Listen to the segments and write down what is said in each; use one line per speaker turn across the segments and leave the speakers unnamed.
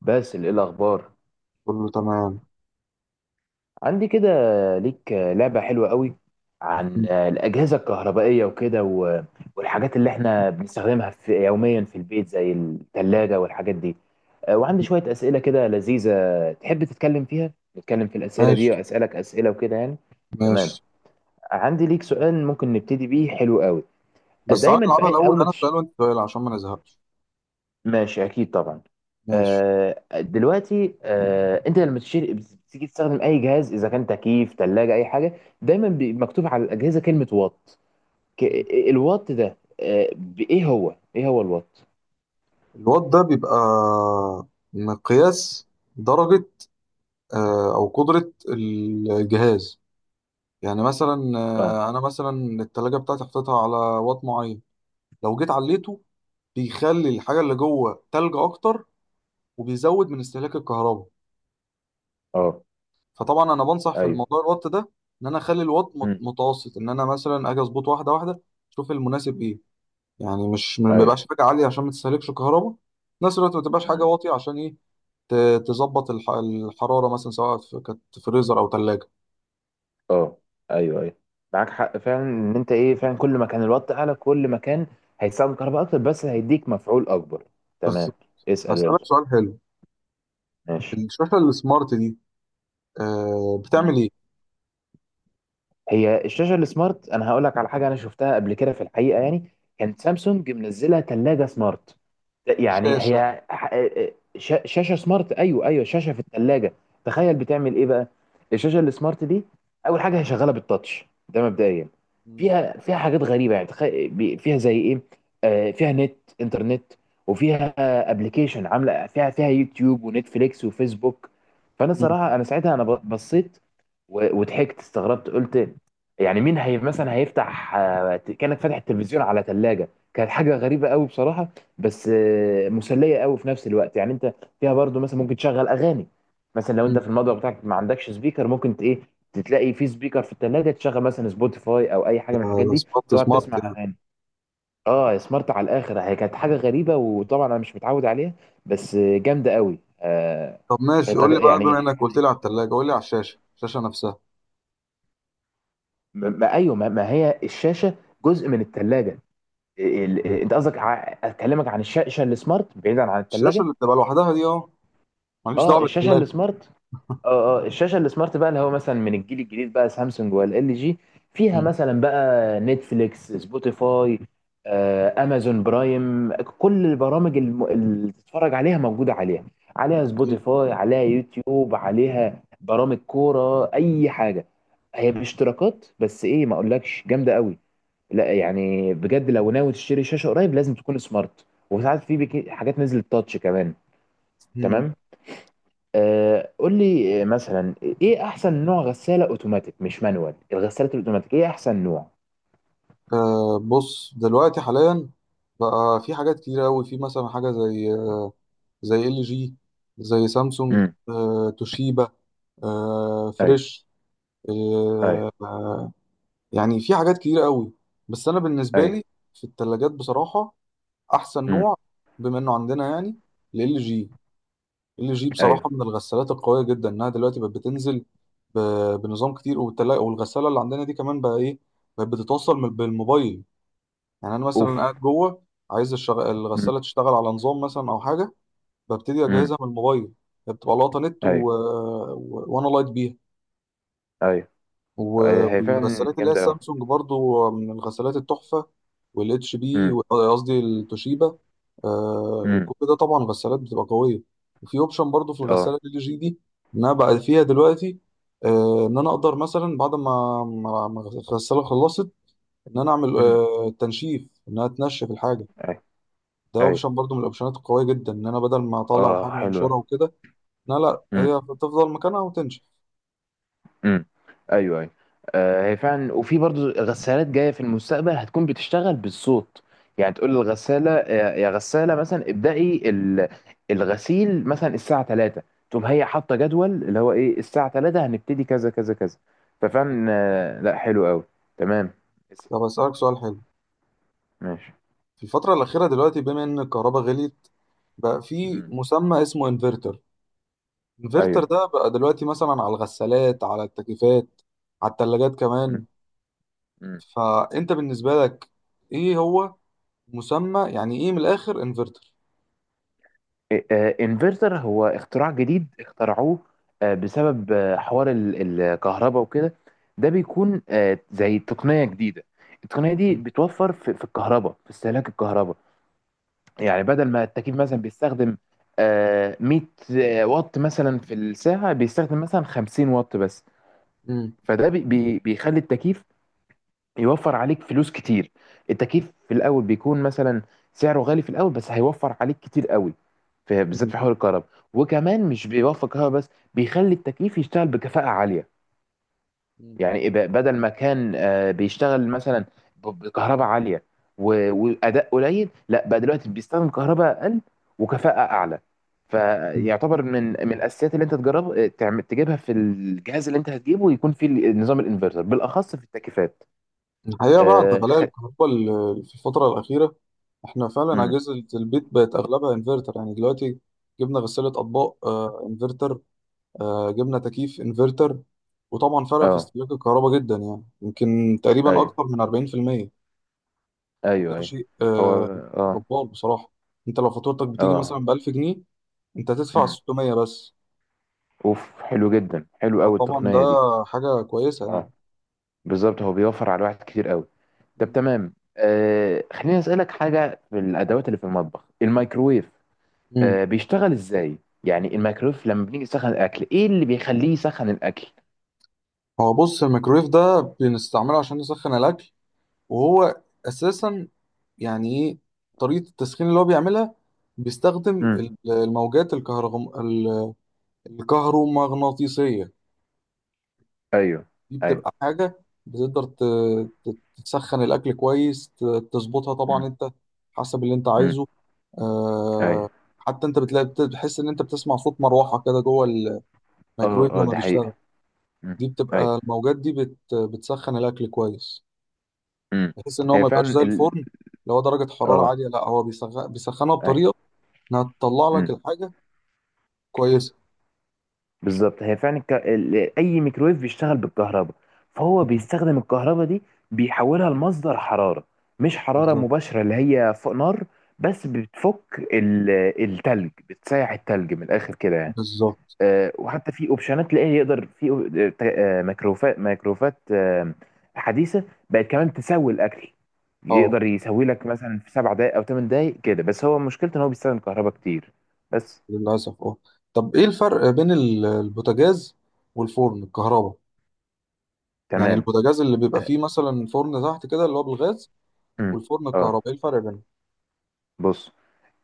باسل، ايه الاخبار؟
كله تمام.
عندي كده ليك لعبه حلوه قوي عن
مم.
الاجهزه الكهربائيه وكده والحاجات اللي احنا بنستخدمها في يوميا في البيت زي الثلاجه والحاجات دي. وعندي شويه اسئله كده لذيذه، تحب تتكلم فيها نتكلم في الاسئله
ماشي
دي واسالك اسئله وكده يعني. تمام.
ماشي.
عندي ليك سؤال ممكن نبتدي بيه حلو قوي.
بس تعالى
دايما في
نلعبها الأول،
اول ما
أنا سؤال وأنت سؤال عشان ما نزهقش.
ماشي اكيد طبعا.
ماشي.
دلوقتي انت لما تشتري بتيجي تستخدم اي جهاز اذا كان تكييف ثلاجه اي حاجه دايما مكتوب على الاجهزه كلمه وات ك-
مم.
الوات ده، ايه هو الوات؟
الوات ده بيبقى مقياس درجة، أو قدرة الجهاز. يعني مثلا،
اه،
أنا مثلا التلاجة بتاعتي حطيتها على وات معين. لو جيت عليته بيخلي الحاجة اللي جوه تلج أكتر، وبيزود من استهلاك الكهرباء.
اه،
فطبعا أنا بنصح في
ايوه،
الموضوع الوات ده، إن أنا أخلي الوات مت-
امم،
متوسط إن أنا مثلا أجي أظبط واحدة واحدة أشوف المناسب إيه. يعني مش ما
ايوه،
بيبقاش حاجه عاليه عشان ما تستهلكش كهرباء، في نفس الوقت ما تبقاش حاجه
امم،
واطيه عشان ايه تظبط الحراره مثلا سواء كانت فريزر او ثلاجه.
اه، ايوه، ايوه. معاك حق فعلا، ان انت ايه، فعلا كل ما كان الوات اعلى كل ما كان هيستخدم كهرباء اكتر بس هيديك مفعول اكبر.
بس
تمام. اسال
هسألك
يلا.
سؤال حلو.
ماشي.
الشاشه السمارت دي بتعمل ايه؟
هي الشاشه السمارت انا هقول لك على حاجه انا شفتها قبل كده في الحقيقه يعني. كانت سامسونج منزله ثلاجه سمارت. يعني
شاشه.
هي شاشه سمارت، ايوه، ايوه، شاشه في الثلاجه. تخيل بتعمل ايه بقى الشاشه السمارت دي؟ اول حاجه هي شغاله بالتاتش ده مبدئيا.
مم.
فيها حاجات غريبه. يعني تخيل فيها زي ايه؟ آه، فيها نت، انترنت، وفيها ابلكيشن عامله فيها يوتيوب ونتفليكس وفيسبوك. فانا
مم.
صراحه انا ساعتها انا بصيت وضحكت، استغربت، قلت يعني مين هي مثلا هيفتح؟ كانت فاتحة التلفزيون على ثلاجة، كانت حاجة غريبة قوي بصراحة. بس مسلية قوي في نفس الوقت يعني. انت فيها برضو مثلا ممكن تشغل اغاني. مثلا لو انت
مم.
في المطبخ بتاعك ما عندكش سبيكر ممكن ايه، تلاقي في سبيكر في الثلاجة، تشغل مثلا سبوتيفاي او اي حاجة من الحاجات دي،
سمارت
تقعد
سمارت
تسمع
يعني.
اغاني. اه، سمارت على الاخر. هي كانت حاجة غريبة وطبعا انا مش متعود عليها، بس جامدة قوي
طب ماشي، قول لي بقى، بما
يعني.
انك قلت لي على الثلاجه قول لي على الشاشه نفسها.
ايوه، ما هي الشاشة جزء من الثلاجة. انت قصدك اكلمك عن الشاشه السمارت بعيدا عن
الشاشه
الثلاجه؟
اللي بتبقى لوحدها دي، اه، ماليش دعوه
اه، الشاشه
بالثلاجه.
السمارت. اه، اه، الشاشه السمارت بقى اللي هو مثلا من الجيل الجديد بقى سامسونج ولا ال جي، فيها
مم.
مثلا بقى نتفليكس، سبوتيفاي، آه امازون برايم. كل اللي تتفرج عليها موجوده عليها. عليها
أكيد.
سبوتيفاي، عليها يوتيوب، عليها برامج كوره، اي حاجه. هي باشتراكات بس، ايه ما اقولكش جامده قوي. لا، يعني بجد لو ناوي تشتري شاشه قريب لازم تكون سمارت، وساعات في حاجات نزلت تاتش كمان.
مم.
تمام. آه قول لي مثلا ايه احسن نوع غساله اوتوماتيك؟ مش مانوال، الغسالات الاوتوماتيك ايه احسن نوع؟
بص دلوقتي حاليا بقى في حاجات كتير قوي، في مثلا حاجه زي زي ال جي، زي سامسونج،
امم،
توشيبا،
ايوه،
فريش،
ايوه،
آه يعني في حاجات كتير قوي. بس انا بالنسبه
ايوه،
لي في الثلاجات بصراحه احسن
امم،
نوع، بما انه عندنا يعني ال جي ال جي
ايوه،
بصراحه من الغسالات القويه جدا، انها دلوقتي بقت بتنزل ب- بنظام كتير. والغساله اللي عندنا دي كمان بقى ايه؟ بقت بتتوصل بالموبايل. يعني انا
اوف،
مثلا قاعد جوه، عايز الشغ...
امم،
الغساله تشتغل على نظام مثلا او حاجه، ببتدي
امم،
اجهزها من الموبايل. هي بتبقى لاقطه نت و...
ايوه،
و... وانا لايت بيها.
ايوه.
و-
هي فعلا
والغسالات اللي هي
جامده قوي.
السامسونج برضو من الغسالات التحفه، والاتش بي
امم،
قصدي التوشيبا.
امم،
كل ده طبعا غسالات بتبقى قويه. وفي اوبشن برضو في
اه،
الغساله ال جي دي، ان انا بقى فيها دلوقتي، ان انا اقدر مثلا بعد ما الغساله خلصت، ان انا اعمل
امم،
تنشيف، انها تنشف الحاجه.
ايوه،
ده
ايوه،
اوبشن برضو من الاوبشنات القويه جدا، ان انا بدل ما اطلع
اه،
الحاجه
حلوه،
وانشرها وكده. لا لا، هي تفضل مكانها وتنشف.
امم، ايوه، ايوه. آه، هي فعلا. وفي برضو غسالات جايه في المستقبل هتكون بتشتغل بالصوت، يعني تقول للغساله يا غساله مثلا ابدأي الغسيل مثلا الساعه 3، تقوم هي حاطه جدول اللي هو ايه، الساعه 3 هنبتدي كذا كذا كذا. ففعلا لا، حلو قوي. تمام.
طب اسالك سؤال حلو.
ماشي.
في الفتره الاخيره دلوقتي بما ان الكهرباء غليت، بقى في
مم.
مسمى اسمه انفرتر. الانفرتر
ايوه.
ده بقى دلوقتي مثلا على الغسالات، على التكييفات، على الثلاجات
مم.
كمان.
مم.
فانت بالنسبه لك ايه هو، مسمى يعني ايه من الاخر انفرتر؟
انفرتر هو اختراع جديد اخترعوه بسبب حوار الكهرباء وكده. ده بيكون زي تقنية جديدة. التقنية دي بتوفر في الكهرباء في استهلاك الكهرباء. يعني بدل ما التكييف مثلا بيستخدم 100 واط مثلا في الساعة، بيستخدم مثلا 50 واط بس.
مم.
فده بيخلي التكييف يوفر عليك فلوس كتير. التكييف في الاول بيكون مثلا سعره غالي في الاول، بس هيوفر عليك كتير قوي، في بالذات
مم.
في حوار الكهرباء. وكمان مش بيوفر كهرباء بس، بيخلي التكييف يشتغل بكفاءة عالية.
مم.
يعني بدل ما كان بيشتغل مثلا بكهرباء عالية واداء قليل، لا بقى دلوقتي بيستخدم كهرباء اقل وكفاءة اعلى.
مم.
فيعتبر من الاساسيات اللي انت تجرب تعمل تجيبها، في الجهاز اللي انت هتجيبه يكون فيه نظام الانفرتر بالاخص في التكييفات.
الحقيقه بعد
آه،
غلاء
خ...
الكهرباء، في الفتره الاخيره احنا فعلا
مم.
اجهزه البيت بقت اغلبها انفرتر يعني دلوقتي. جبنا غساله اطباق انفرتر، جبنا تكييف انفرتر. وطبعا فرق في
اه،
استهلاك الكهرباء جدا، يعني يمكن تقريبا
ايوه،
اكتر من 40%. وده
ايوه، ايوه.
شيء
هو، اه،
جبار بصراحه. انت لو فاتورتك بتيجي مثلا
اه،
ب 1000 جنيه، انت هتدفع
امم،
600 بس.
اوف. حلو جدا، حلو قوي
فطبعا ده
التقنيه دي.
حاجه كويسه يعني.
اه، بالظبط، هو بيوفر على الواحد كتير قوي. طب
مم.
تمام، آه خليني اسالك حاجه في الادوات اللي في المطبخ، الميكروويف
مم.
بيشتغل ازاي؟ يعني الميكروويف لما بنيجي نسخن الاكل ايه اللي بيخليه يسخن الاكل؟
هو بص، الميكرويف ده بنستعمله عشان نسخن الاكل، وهو اساسا يعني ايه طريقه التسخين اللي هو بيعملها؟ بيستخدم
امم،
الموجات الكهرومغناطيسيه.
ايوه،
دي
ايوه،
بتبقى حاجه بتقدر ت- تسخن الاكل كويس، تظبطها طبعا
امم،
انت حسب اللي انت
امم،
عايزه. آه...
ايوه.
حتى انت بتلاقي بتحس ان انت بتسمع صوت مروحه كده جوه
اه،
الميكرويف
اه،
لما
دي
بيشتغل.
حقيقه. امم،
دي
ايوه،
بتبقى الموجات دي بتسخن الاكل كويس،
امم.
بحيث ان هو
هي
ما يبقاش
فعلا
زي
ال...
الفرن اللي هو درجه حراره
اه،
عاليه، لا هو بيسخنها بطريقه انها تطلع لك
ايوه.
الحاجه كويسه.
بالظبط، هي فعلا الك... ال- اي ميكرويف بيشتغل بالكهرباء، فهو
مم.
بيستخدم الكهرباء دي بيحولها لمصدر حراره. مش حراره
بالظبط
مباشره اللي هي فوق نار، بس بتفك التلج، بتسيح التلج من الاخر كده يعني.
بالظبط.
وحتى في اوبشنات تلاقيه يقدر في ميكروفات حديثه، بقت كمان تسوي الاكل،
اه
يقدر يسوي لك مثلا في 7 دقائق او 8 دقائق كده، بس هو مشكلته ان هو بيستخدم كهرباء كتير بس.
للاسف اه. طب ايه الفرق بين البوتاجاز والفرن الكهرباء؟ يعني
تمام.
البوتاجاز اللي بيبقى
آه،
فيه مثلا فرن تحت كده اللي هو بالغاز،
أمم.
والفرن
اه
الكهرباء، ايه الفرق بينهم؟
بص،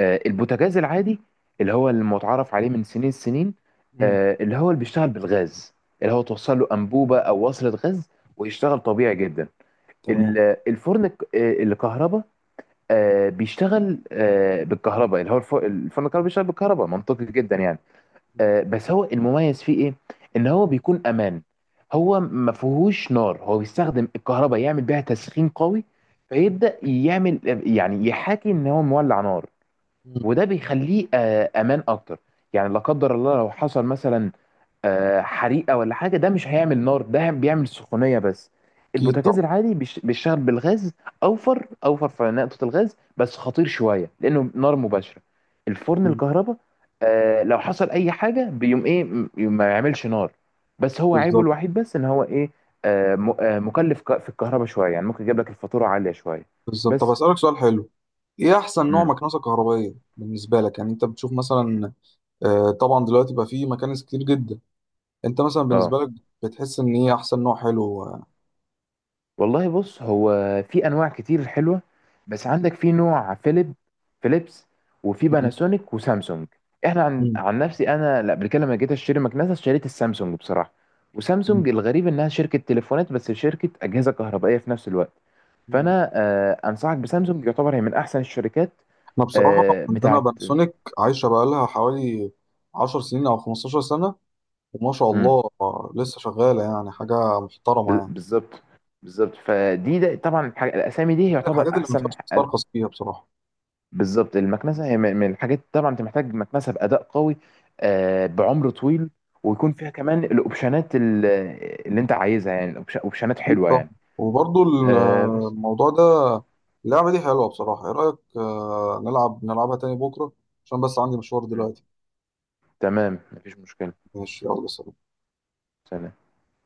البوتاجاز العادي اللي هو المتعارف عليه من سنين السنين،
مم.
اللي هو اللي بيشتغل بالغاز، اللي هو توصل له انبوبه او وصله غاز ويشتغل طبيعي جدا.
تمام.
ال- الفرن الك- آه، الكهرباء، بيشتغل بالكهرباء، اللي هو الفرن الكهرباء بيشتغل بالكهرباء منطقي جدا يعني.
مم.
بس هو المميز فيه ايه؟ ان هو بيكون امان. هو ما فيهوش نار، هو بيستخدم الكهرباء يعمل بيها تسخين قوي، فيبدأ يعمل، يعني يحاكي ان هو مولع نار.
مم.
وده بيخليه امان اكتر. يعني لا قدر الله لو حصل مثلا حريقه ولا حاجه، ده مش هيعمل نار، ده بيعمل سخونيه بس.
اكيد
البوتاجاز
طبعا.
العادي بيشتغل بالغاز، اوفر اوفر في نقطه الغاز، بس خطير شويه لانه نار مباشره. الفرن
مم.
الكهرباء لو حصل اي حاجه بيقوم ايه، ما يعملش نار. بس هو عيبه
بالظبط
الوحيد بس ان هو ايه؟ مكلف في الكهرباء شويه، يعني ممكن يجيب لك الفاتوره عاليه شويه
بالظبط. طب
بس.
اسالك سؤال حلو. ايه احسن نوع
مم.
مكنسه كهربائيه بالنسبه لك؟ يعني انت بتشوف مثلا، طبعا دلوقتي بقى فيه مكانس كتير جدا. انت مثلا
اه،
بالنسبه لك بتحس ان ايه احسن نوع حلو؟
والله بص، هو في انواع كتير حلوه، بس عندك في نوع فيليب، فيليبس، وفي
مم.
باناسونيك وسامسونج. احنا عن,
مم.
عن نفسي انا، لا، قبل كده لما جيت اشتري مكنسه اشتريت السامسونج بصراحه.
مم.
وسامسونج الغريب انها شركه تليفونات بس شركه اجهزه كهربائيه في نفس الوقت.
مم.
فانا آه انصحك بسامسونج، يعتبر هي من احسن الشركات،
احنا بصراحه
آه
عندنا
بتاعت.
باناسونيك عايشه بقى لها حوالي 10 سنين او 15 سنه. وما شاء
مم،
الله، لسه شغاله يعني، حاجه محترمه يعني.
بالظبط، بالظبط. فدي ده طبعا، الاسامي دي
دي من
يعتبر
الحاجات اللي ما
احسن
ينفعش تسترخص فيها بصراحه.
بالظبط. المكنسه هي من الحاجات طبعا، انت محتاج مكنسه باداء قوي، بعمر طويل، ويكون فيها كمان الاوبشنات اللي انت عايزها، يعني اوبشنات
اكيد
حلوه
طبعا.
يعني.
وبرضو
آه، بس
الموضوع ده، اللعبه دي حلوه بصراحه. ايه رايك نلعبها تاني بكره، عشان بس عندي مشوار
م.
دلوقتي.
تمام، مفيش مشكله.
ماشي، يلا سلام.
سلام.